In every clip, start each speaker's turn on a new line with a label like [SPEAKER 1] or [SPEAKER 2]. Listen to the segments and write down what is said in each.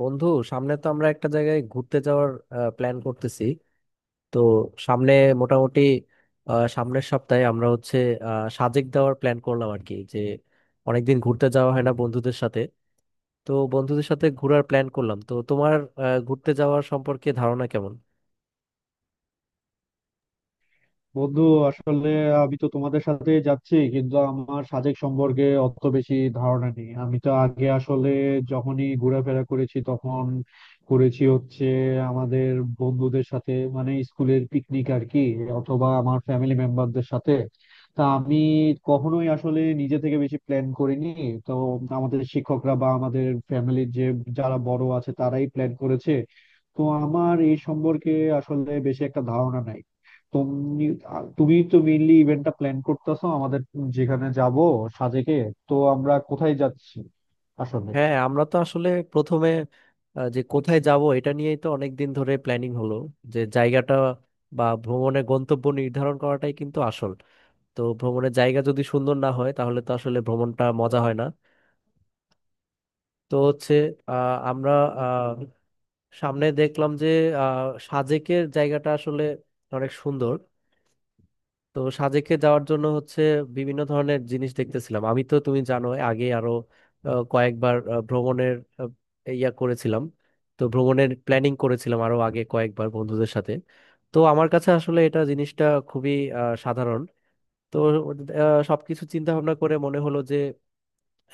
[SPEAKER 1] বন্ধু, সামনে তো আমরা একটা জায়গায় ঘুরতে যাওয়ার প্ল্যান করতেছি। তো সামনে মোটামুটি সামনের সপ্তাহে আমরা হচ্ছে সাজেক দেওয়ার প্ল্যান করলাম আর কি, যে অনেকদিন ঘুরতে যাওয়া হয় না বন্ধুদের সাথে। তো বন্ধুদের সাথে ঘোরার প্ল্যান করলাম। তো তোমার ঘুরতে যাওয়ার সম্পর্কে ধারণা কেমন?
[SPEAKER 2] বন্ধু, আসলে আমি তো তোমাদের সাথে যাচ্ছি কিন্তু আমার সাজেক সম্পর্কে অত বেশি ধারণা নেই। আমি তো আগে আসলে যখনই ঘোরাফেরা করেছি তখন করেছি হচ্ছে আমাদের বন্ধুদের সাথে, মানে স্কুলের পিকনিক আর কি, অথবা আমার ফ্যামিলি মেম্বারদের সাথে। তা আমি কখনোই আসলে নিজে থেকে বেশি প্ল্যান করিনি। তো আমাদের শিক্ষকরা বা আমাদের ফ্যামিলির যে যারা বড় আছে তারাই প্ল্যান করেছে। তো আমার এই সম্পর্কে আসলে বেশি একটা ধারণা নাই। তুমি তুমি তো মেইনলি ইভেন্টটা প্ল্যান করতেছো আমাদের, যেখানে যাব, সাজেকে। তো আমরা কোথায় যাচ্ছি আসলে?
[SPEAKER 1] হ্যাঁ, আমরা তো আসলে প্রথমে যে কোথায় যাব এটা নিয়েই তো অনেকদিন ধরে প্ল্যানিং হলো। যে জায়গাটা বা ভ্রমণের গন্তব্য নির্ধারণ করাটাই কিন্তু আসল। তো ভ্রমণের জায়গা যদি সুন্দর না হয় তাহলে তো আসলে ভ্রমণটা মজা হয় না। তো হচ্ছে আমরা আহ, সামনে দেখলাম যে সাজেকের জায়গাটা আসলে অনেক সুন্দর। তো সাজেকে যাওয়ার জন্য হচ্ছে বিভিন্ন ধরনের জিনিস দেখতেছিলাম। আমি তো তুমি জানো আগে আরো কয়েকবার ভ্রমণের আহ, ইয়া করেছিলাম। তো ভ্রমণের প্ল্যানিং করেছিলাম আরো আগে কয়েকবার বন্ধুদের সাথে। তো আমার কাছে আসলে এটা জিনিসটা খুবই সাধারণ। তো সবকিছু চিন্তা ভাবনা করে মনে হলো যে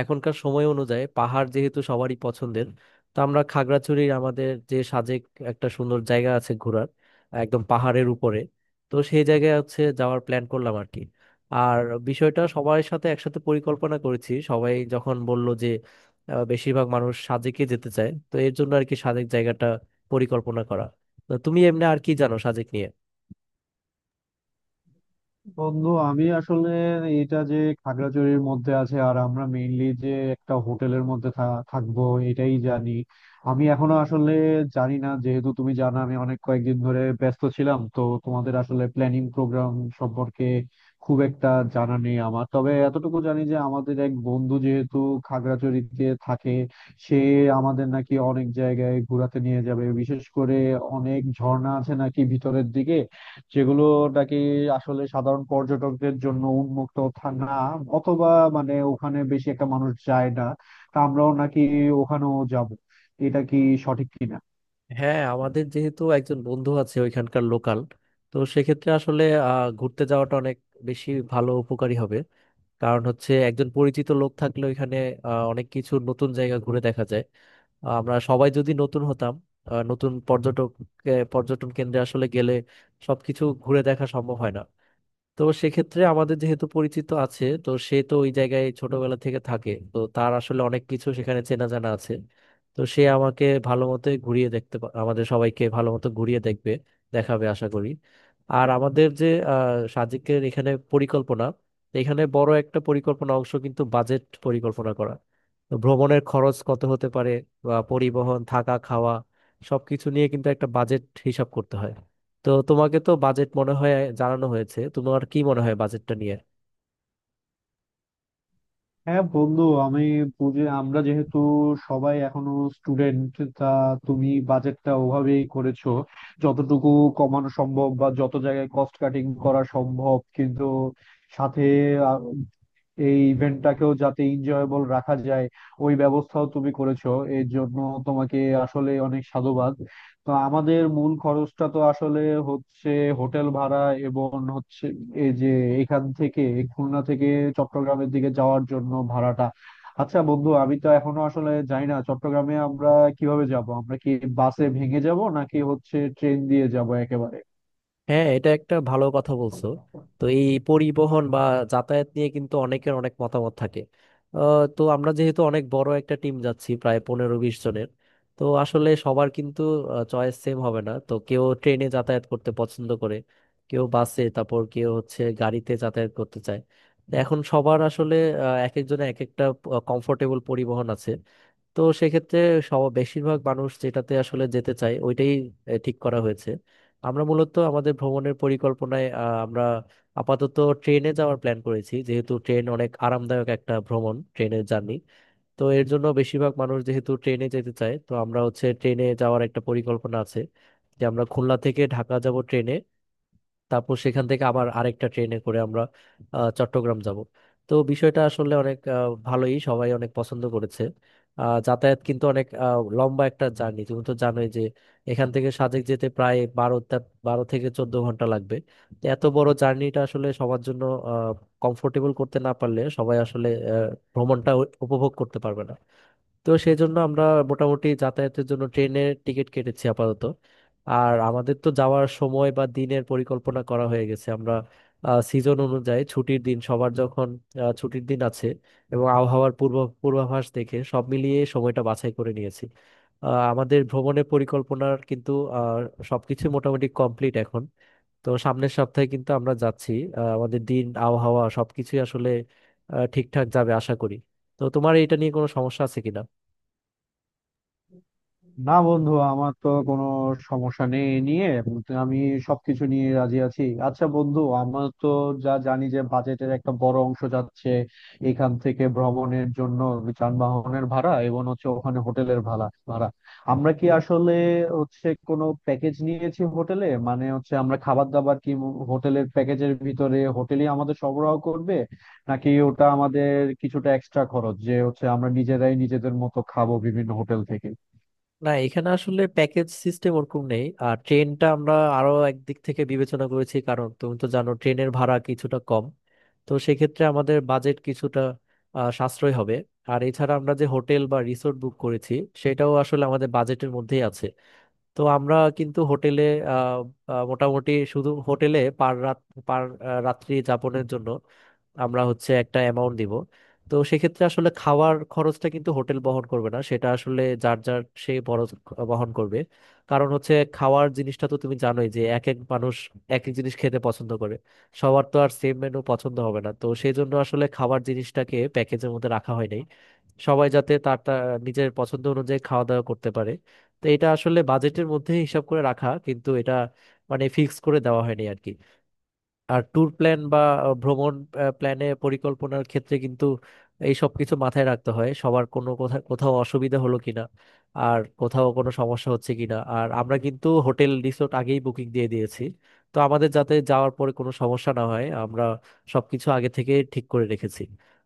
[SPEAKER 1] এখনকার সময় অনুযায়ী পাহাড় যেহেতু সবারই পছন্দের, তো আমরা খাগড়াছড়ির আমাদের যে সাজেক, একটা সুন্দর জায়গা আছে ঘোরার, একদম পাহাড়ের উপরে। তো সেই জায়গায় হচ্ছে যাওয়ার প্ল্যান করলাম আর কি। আর বিষয়টা সবার সাথে একসাথে পরিকল্পনা করেছি। সবাই যখন বলল যে বেশিরভাগ মানুষ সাজেকে যেতে চায়, তো এর জন্য আর কি সাজেক জায়গাটা পরিকল্পনা করা। তো তুমি এমনি আর কি জানো সাজেক নিয়ে?
[SPEAKER 2] বন্ধু, আমি আসলে এটা যে খাগড়াছড়ির মধ্যে আছে আর আমরা মেইনলি যে একটা হোটেলের মধ্যে থাকবো এটাই জানি। আমি এখনো আসলে জানি না, যেহেতু তুমি জানো আমি অনেক কয়েকদিন ধরে ব্যস্ত ছিলাম, তো তোমাদের আসলে প্ল্যানিং প্রোগ্রাম সম্পর্কে খুব একটা জানা নেই আমার। তবে এতটুকু জানি যে আমাদের এক বন্ধু যেহেতু খাগড়াছড়িতে থাকে, সে আমাদের নাকি অনেক জায়গায় ঘোরাতে নিয়ে যাবে, বিশেষ করে অনেক ঝর্ণা আছে নাকি ভিতরের দিকে, যেগুলো নাকি আসলে সাধারণ পর্যটকদের জন্য উন্মুক্ত না, অথবা মানে ওখানে বেশি একটা মানুষ যায় না। তা আমরাও নাকি ওখানেও যাব, এটা কি সঠিক কিনা?
[SPEAKER 1] হ্যাঁ, আমাদের যেহেতু একজন বন্ধু আছে ওইখানকার লোকাল, তো সেক্ষেত্রে আসলে ঘুরতে যাওয়াটা অনেক বেশি ভালো উপকারী হবে। কারণ হচ্ছে একজন পরিচিত লোক থাকলে ওইখানে অনেক কিছু নতুন জায়গা ঘুরে দেখা যায়। আমরা সবাই যদি নতুন হতাম নতুন পর্যটক পর্যটন কেন্দ্রে আসলে গেলে সবকিছু ঘুরে দেখা সম্ভব হয় না। তো সেক্ষেত্রে আমাদের যেহেতু পরিচিত আছে, তো সে তো ওই জায়গায় ছোটবেলা থেকে থাকে, তো তার আসলে অনেক কিছু সেখানে চেনা জানা আছে। তো সে আমাকে ভালো মতো ঘুরিয়ে দেখতে আমাদের সবাইকে ভালো মতো ঘুরিয়ে দেখবে দেখাবে আশা করি। আর আমাদের যে সাজিকের এখানে পরিকল্পনা, এখানে বড় একটা পরিকল্পনা অংশ কিন্তু বাজেট পরিকল্পনা করা। তো ভ্রমণের খরচ কত হতে পারে, বা পরিবহন থাকা খাওয়া সবকিছু নিয়ে কিন্তু একটা বাজেট হিসাব করতে হয়। তো তোমাকে তো বাজেট মনে হয় জানানো হয়েছে, তোমার কি মনে হয় বাজেটটা নিয়ে?
[SPEAKER 2] হ্যাঁ বন্ধু, আমি বুঝে আমরা যেহেতু সবাই এখনো স্টুডেন্ট, তা তুমি বাজেটটা ওভাবেই করেছো, যতটুকু কমানো সম্ভব বা যত জায়গায় কস্ট কাটিং করা সম্ভব, কিন্তু সাথে এই ইভেন্টটাকেও যাতে এনজয়েবল রাখা যায়, ওই ব্যবস্থাও তুমি করেছো। এর জন্য তোমাকে আসলে অনেক সাধুবাদ। তো আমাদের মূল খরচটা তো আসলে হচ্ছে হোটেল ভাড়া, এবং হচ্ছে এই যে এখান থেকে, খুলনা থেকে চট্টগ্রামের দিকে যাওয়ার জন্য ভাড়াটা। আচ্ছা বন্ধু, আমি তো এখনো আসলে জানি না চট্টগ্রামে আমরা কিভাবে যাব, আমরা কি বাসে ভেঙে যাব নাকি হচ্ছে ট্রেন দিয়ে যাব একেবারে?
[SPEAKER 1] হ্যাঁ, এটা একটা ভালো কথা বলছো। তো এই পরিবহন বা যাতায়াত নিয়ে কিন্তু অনেকের অনেক মতামত থাকে। তো আমরা যেহেতু অনেক বড় একটা টিম যাচ্ছি, প্রায় 15-20 জনের, তো আসলে সবার কিন্তু চয়েস সেম হবে না। তো কেউ ট্রেনে যাতায়াত করতে পছন্দ করে, কেউ বাসে, তারপর কেউ হচ্ছে গাড়িতে যাতায়াত করতে চায়। তো এখন সবার আসলে এক একজনে এক একটা কমফোর্টেবল পরিবহন আছে। তো সেক্ষেত্রে সব বেশিরভাগ মানুষ যেটাতে আসলে যেতে চায় ওইটাই ঠিক করা হয়েছে। আমরা মূলত আমাদের ভ্রমণের পরিকল্পনায় আমরা আপাতত ট্রেনে যাওয়ার প্ল্যান করেছি, যেহেতু ট্রেন অনেক আরামদায়ক একটা ভ্রমণ, ট্রেনের জার্নি। তো এর জন্য বেশিরভাগ মানুষ যেহেতু ট্রেনে যেতে চায়, তো আমরা হচ্ছে ট্রেনে যাওয়ার একটা পরিকল্পনা আছে যে আমরা খুলনা থেকে ঢাকা যাব ট্রেনে, তারপর সেখান থেকে আবার আরেকটা ট্রেনে করে আমরা চট্টগ্রাম যাব। তো বিষয়টা আসলে অনেক ভালোই, সবাই অনেক পছন্দ করেছে। যাতায়াত কিন্তু অনেক লম্বা একটা জার্নি। তুমি তো জানোই যে এখান থেকে সাজেক যেতে প্রায় 12 থেকে 14 ঘন্টা লাগবে। তো এত বড় জার্নিটা আসলে সবার জন্য কমফোর্টেবল করতে না পারলে সবাই আসলে আহ, ভ্রমণটা উপভোগ করতে পারবে না। তো সেই জন্য আমরা মোটামুটি যাতায়াতের জন্য ট্রেনের টিকিট কেটেছি আপাতত। আর আমাদের তো যাওয়ার সময় বা দিনের পরিকল্পনা করা হয়ে গেছে। আমরা সিজন অনুযায়ী ছুটির দিন সবার যখন ছুটির দিন আছে এবং আবহাওয়ার পূর্ব পূর্বাভাস দেখে সব মিলিয়ে সময়টা বাছাই করে নিয়েছি। আমাদের ভ্রমণের পরিকল্পনার কিন্তু আহ, সবকিছু মোটামুটি কমপ্লিট এখন। তো সামনের সপ্তাহে কিন্তু আমরা যাচ্ছি। আমাদের দিন আবহাওয়া সবকিছুই আসলে ঠিকঠাক যাবে আশা করি। তো তোমার এটা নিয়ে কোনো সমস্যা আছে কিনা?
[SPEAKER 2] না বন্ধু, আমার তো কোনো সমস্যা নেই এ নিয়ে। আমি সবকিছু নিয়ে রাজি আছি। আচ্ছা বন্ধু, আমার তো যা জানি যে বাজেটের একটা বড় অংশ যাচ্ছে এখান থেকে ভ্রমণের জন্য, যানবাহনের ভাড়া এবং হচ্ছে ওখানে হোটেলের ভাড়া ভাড়া। আমরা কি আসলে হচ্ছে কোনো প্যাকেজ নিয়েছি হোটেলে, মানে হচ্ছে আমরা খাবার দাবার কি হোটেলের প্যাকেজের ভিতরে হোটেলই আমাদের সরবরাহ করবে, নাকি ওটা আমাদের কিছুটা এক্সট্রা খরচ যে হচ্ছে আমরা নিজেরাই নিজেদের মতো খাবো বিভিন্ন হোটেল থেকে?
[SPEAKER 1] না, এখানে আসলে প্যাকেজ সিস্টেম ওরকম নেই। আর ট্রেনটা আমরা আরো একদিক থেকে বিবেচনা করেছি, কারণ তুমি তো জানো ট্রেনের ভাড়া কিছুটা কম। তো সেক্ষেত্রে আমাদের বাজেট কিছুটা সাশ্রয় হবে। আর এছাড়া আমরা যে হোটেল বা রিসোর্ট বুক করেছি সেটাও আসলে আমাদের বাজেটের মধ্যেই আছে। তো আমরা কিন্তু হোটেলে আহ, আহ, মোটামুটি শুধু হোটেলে পার রাত পার রাত্রি যাপনের জন্য আমরা হচ্ছে একটা অ্যামাউন্ট দিব। তো সেক্ষেত্রে আসলে খাওয়ার খরচটা কিন্তু হোটেল বহন করবে না, সেটা আসলে যার যার সে বরজ বহন করবে। কারণ হচ্ছে খাওয়ার জিনিসটা তো তুমি জানোই যে এক এক মানুষ এক এক জিনিস খেতে পছন্দ করে, সবার তো আর সেম মেনু পছন্দ হবে না। তো সেই জন্য আসলে খাবার জিনিসটাকে প্যাকেজের মধ্যে রাখা হয় নাই, সবাই যাতে তার তার নিজের পছন্দ অনুযায়ী খাওয়া দাওয়া করতে পারে। তো এটা আসলে বাজেটের মধ্যে হিসাব করে রাখা, কিন্তু এটা মানে ফিক্স করে দেওয়া হয়নি আর কি। আর ট্যুর প্ল্যান বা ভ্রমণ প্ল্যানে পরিকল্পনার ক্ষেত্রে কিন্তু এই সব কিছু মাথায় রাখতে হয়, সবার কোনো কোথাও কোথাও অসুবিধা হলো কিনা, আর কোথাও কোনো সমস্যা হচ্ছে কিনা। আর আমরা কিন্তু হোটেল রিসোর্ট আগেই বুকিং দিয়ে দিয়েছি, তো আমাদের যাতে যাওয়ার পরে কোনো সমস্যা না হয় আমরা সবকিছু আগে থেকে ঠিক করে রেখেছি।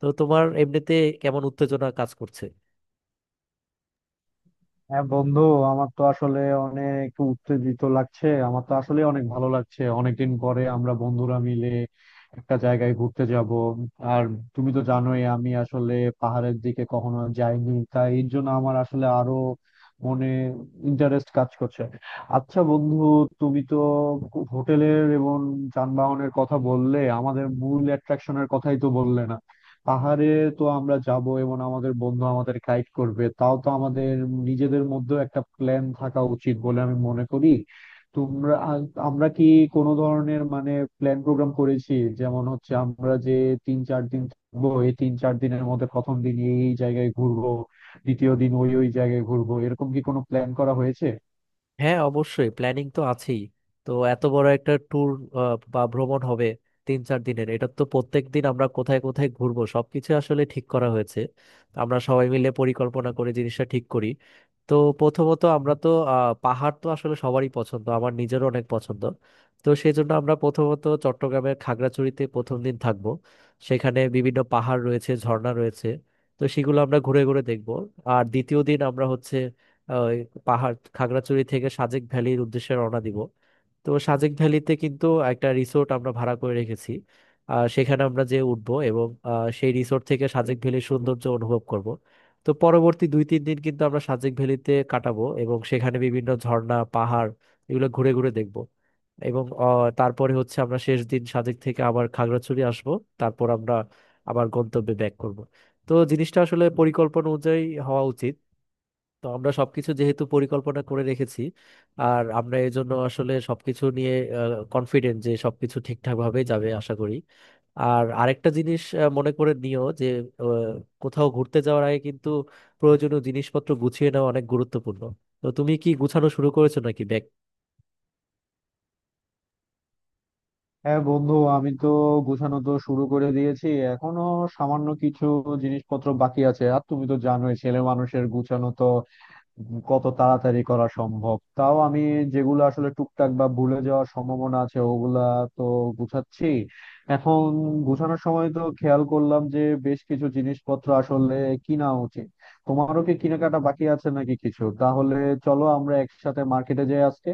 [SPEAKER 1] তো তোমার এমনিতে কেমন উত্তেজনা কাজ করছে?
[SPEAKER 2] হ্যাঁ বন্ধু, আমার তো আসলে অনেক একটু উত্তেজিত লাগছে, আমার তো আসলে অনেক ভালো লাগছে অনেকদিন পরে আমরা বন্ধুরা মিলে একটা জায়গায় ঘুরতে যাব। আর তুমি তো জানোই আমি আসলে পাহাড়ের দিকে কখনো যাইনি, তাই এর জন্য আমার আসলে আরো মনে ইন্টারেস্ট কাজ করছে। আচ্ছা বন্ধু, তুমি তো হোটেলের এবং যানবাহনের কথা বললে, আমাদের মূল অ্যাট্রাকশনের কথাই তো বললে না। পাহাড়ে তো আমরা যাব এবং আমাদের বন্ধু আমাদের গাইড করবে, তাও তো আমাদের নিজেদের মধ্যেও একটা প্ল্যান থাকা উচিত বলে আমি মনে করি। তোমরা আ- আমরা কি কোনো ধরনের মানে প্ল্যান প্রোগ্রাম করেছি? যেমন হচ্ছে আমরা যে তিন চার দিন থাকবো, এই তিন চার দিনের মধ্যে প্রথম দিন এই এই জায়গায় ঘুরবো, দ্বিতীয় দিন ওই ওই জায়গায় ঘুরবো, এরকম কি কোনো প্ল্যান করা হয়েছে?
[SPEAKER 1] হ্যাঁ, অবশ্যই প্ল্যানিং তো আছেই। তো এত বড় একটা ট্যুর বা ভ্রমণ হবে 3-4 দিনের, এটা তো প্রত্যেক দিন আমরা কোথায় কোথায় ঘুরবো সবকিছু আসলে ঠিক করা হয়েছে। আমরা সবাই মিলে পরিকল্পনা করে জিনিসটা ঠিক করি। তো প্রথমত আমরা তো পাহাড় তো আসলে সবারই পছন্দ, আমার নিজেরও অনেক পছন্দ। তো সেই জন্য আমরা প্রথমত চট্টগ্রামের খাগড়াছড়িতে প্রথম দিন থাকবো। সেখানে বিভিন্ন পাহাড় রয়েছে, ঝর্ণা রয়েছে, তো সেগুলো আমরা ঘুরে ঘুরে দেখব। আর দ্বিতীয় দিন আমরা হচ্ছে ওই পাহাড় খাগড়াছড়ি থেকে সাজেক ভ্যালির উদ্দেশ্যে রওনা দিব। তো সাজেক ভ্যালিতে কিন্তু একটা রিসোর্ট আমরা ভাড়া করে রেখেছি। সেখানে আমরা যে উঠবো এবং সেই রিসোর্ট থেকে সাজেক ভ্যালির সৌন্দর্য অনুভব করব। তো পরবর্তী 2-3 দিন কিন্তু আমরা সাজেক ভ্যালিতে কাটাবো এবং সেখানে বিভিন্ন ঝর্ণা পাহাড় এগুলো ঘুরে ঘুরে দেখব। এবং তারপরে হচ্ছে আমরা শেষ দিন সাজেক থেকে আবার খাগড়াছড়ি আসব। তারপর আমরা আবার গন্তব্যে ব্যাক করব। তো জিনিসটা আসলে পরিকল্পনা অনুযায়ী হওয়া উচিত। তো আমরা সবকিছু যেহেতু পরিকল্পনা করে রেখেছি, আর আমরা এই জন্য আসলে সবকিছু নিয়ে কনফিডেন্ট যে সবকিছু ঠিকঠাক ভাবে যাবে আশা করি। আর আরেকটা জিনিস মনে করে নিও যে আহ, কোথাও ঘুরতে যাওয়ার আগে কিন্তু প্রয়োজনীয় জিনিসপত্র গুছিয়ে নেওয়া অনেক গুরুত্বপূর্ণ। তো তুমি কি গুছানো শুরু করেছো নাকি ব্যাগ?
[SPEAKER 2] হ্যাঁ বন্ধু, আমি তো গোছানো তো শুরু করে দিয়েছি, এখনো সামান্য কিছু জিনিসপত্র বাকি আছে। আর তুমি তো জানোই ছেলে মানুষের গুছানো তো কত তাড়াতাড়ি করা সম্ভব, তাও আমি যেগুলো আসলে টুকটাক বা ভুলে যাওয়ার সম্ভাবনা আছে ওগুলা তো গুছাচ্ছি এখন। গুছানোর সময় তো খেয়াল করলাম যে বেশ কিছু জিনিসপত্র আসলে কিনা উচিত। তোমারও কি কেনাকাটা বাকি আছে নাকি কিছু? তাহলে চলো আমরা একসাথে মার্কেটে যাই আজকে।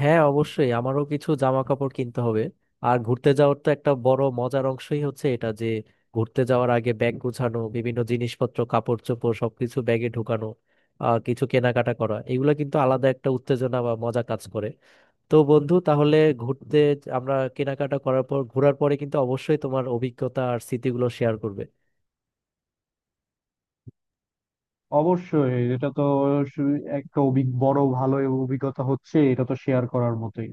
[SPEAKER 1] হ্যাঁ, অবশ্যই আমারও কিছু জামা কাপড় কিনতে হবে। আর ঘুরতে যাওয়ার তো একটা বড় মজার অংশই হচ্ছে এটা, যে ঘুরতে যাওয়ার আগে ব্যাগ গুছানো, বিভিন্ন জিনিসপত্র কাপড় চোপড় সবকিছু ব্যাগে ঢুকানো, কিছু কেনাকাটা করা, এগুলো কিন্তু আলাদা একটা উত্তেজনা বা মজা কাজ করে। তো বন্ধু, তাহলে ঘুরতে আমরা কেনাকাটা করার পর ঘোরার পরে কিন্তু অবশ্যই তোমার অভিজ্ঞতা আর স্মৃতিগুলো শেয়ার করবে।
[SPEAKER 2] অবশ্যই, এটা তো একটা অভিজ্ঞ বড় ভালো অভিজ্ঞতা হচ্ছে, এটা তো শেয়ার করার মতোই।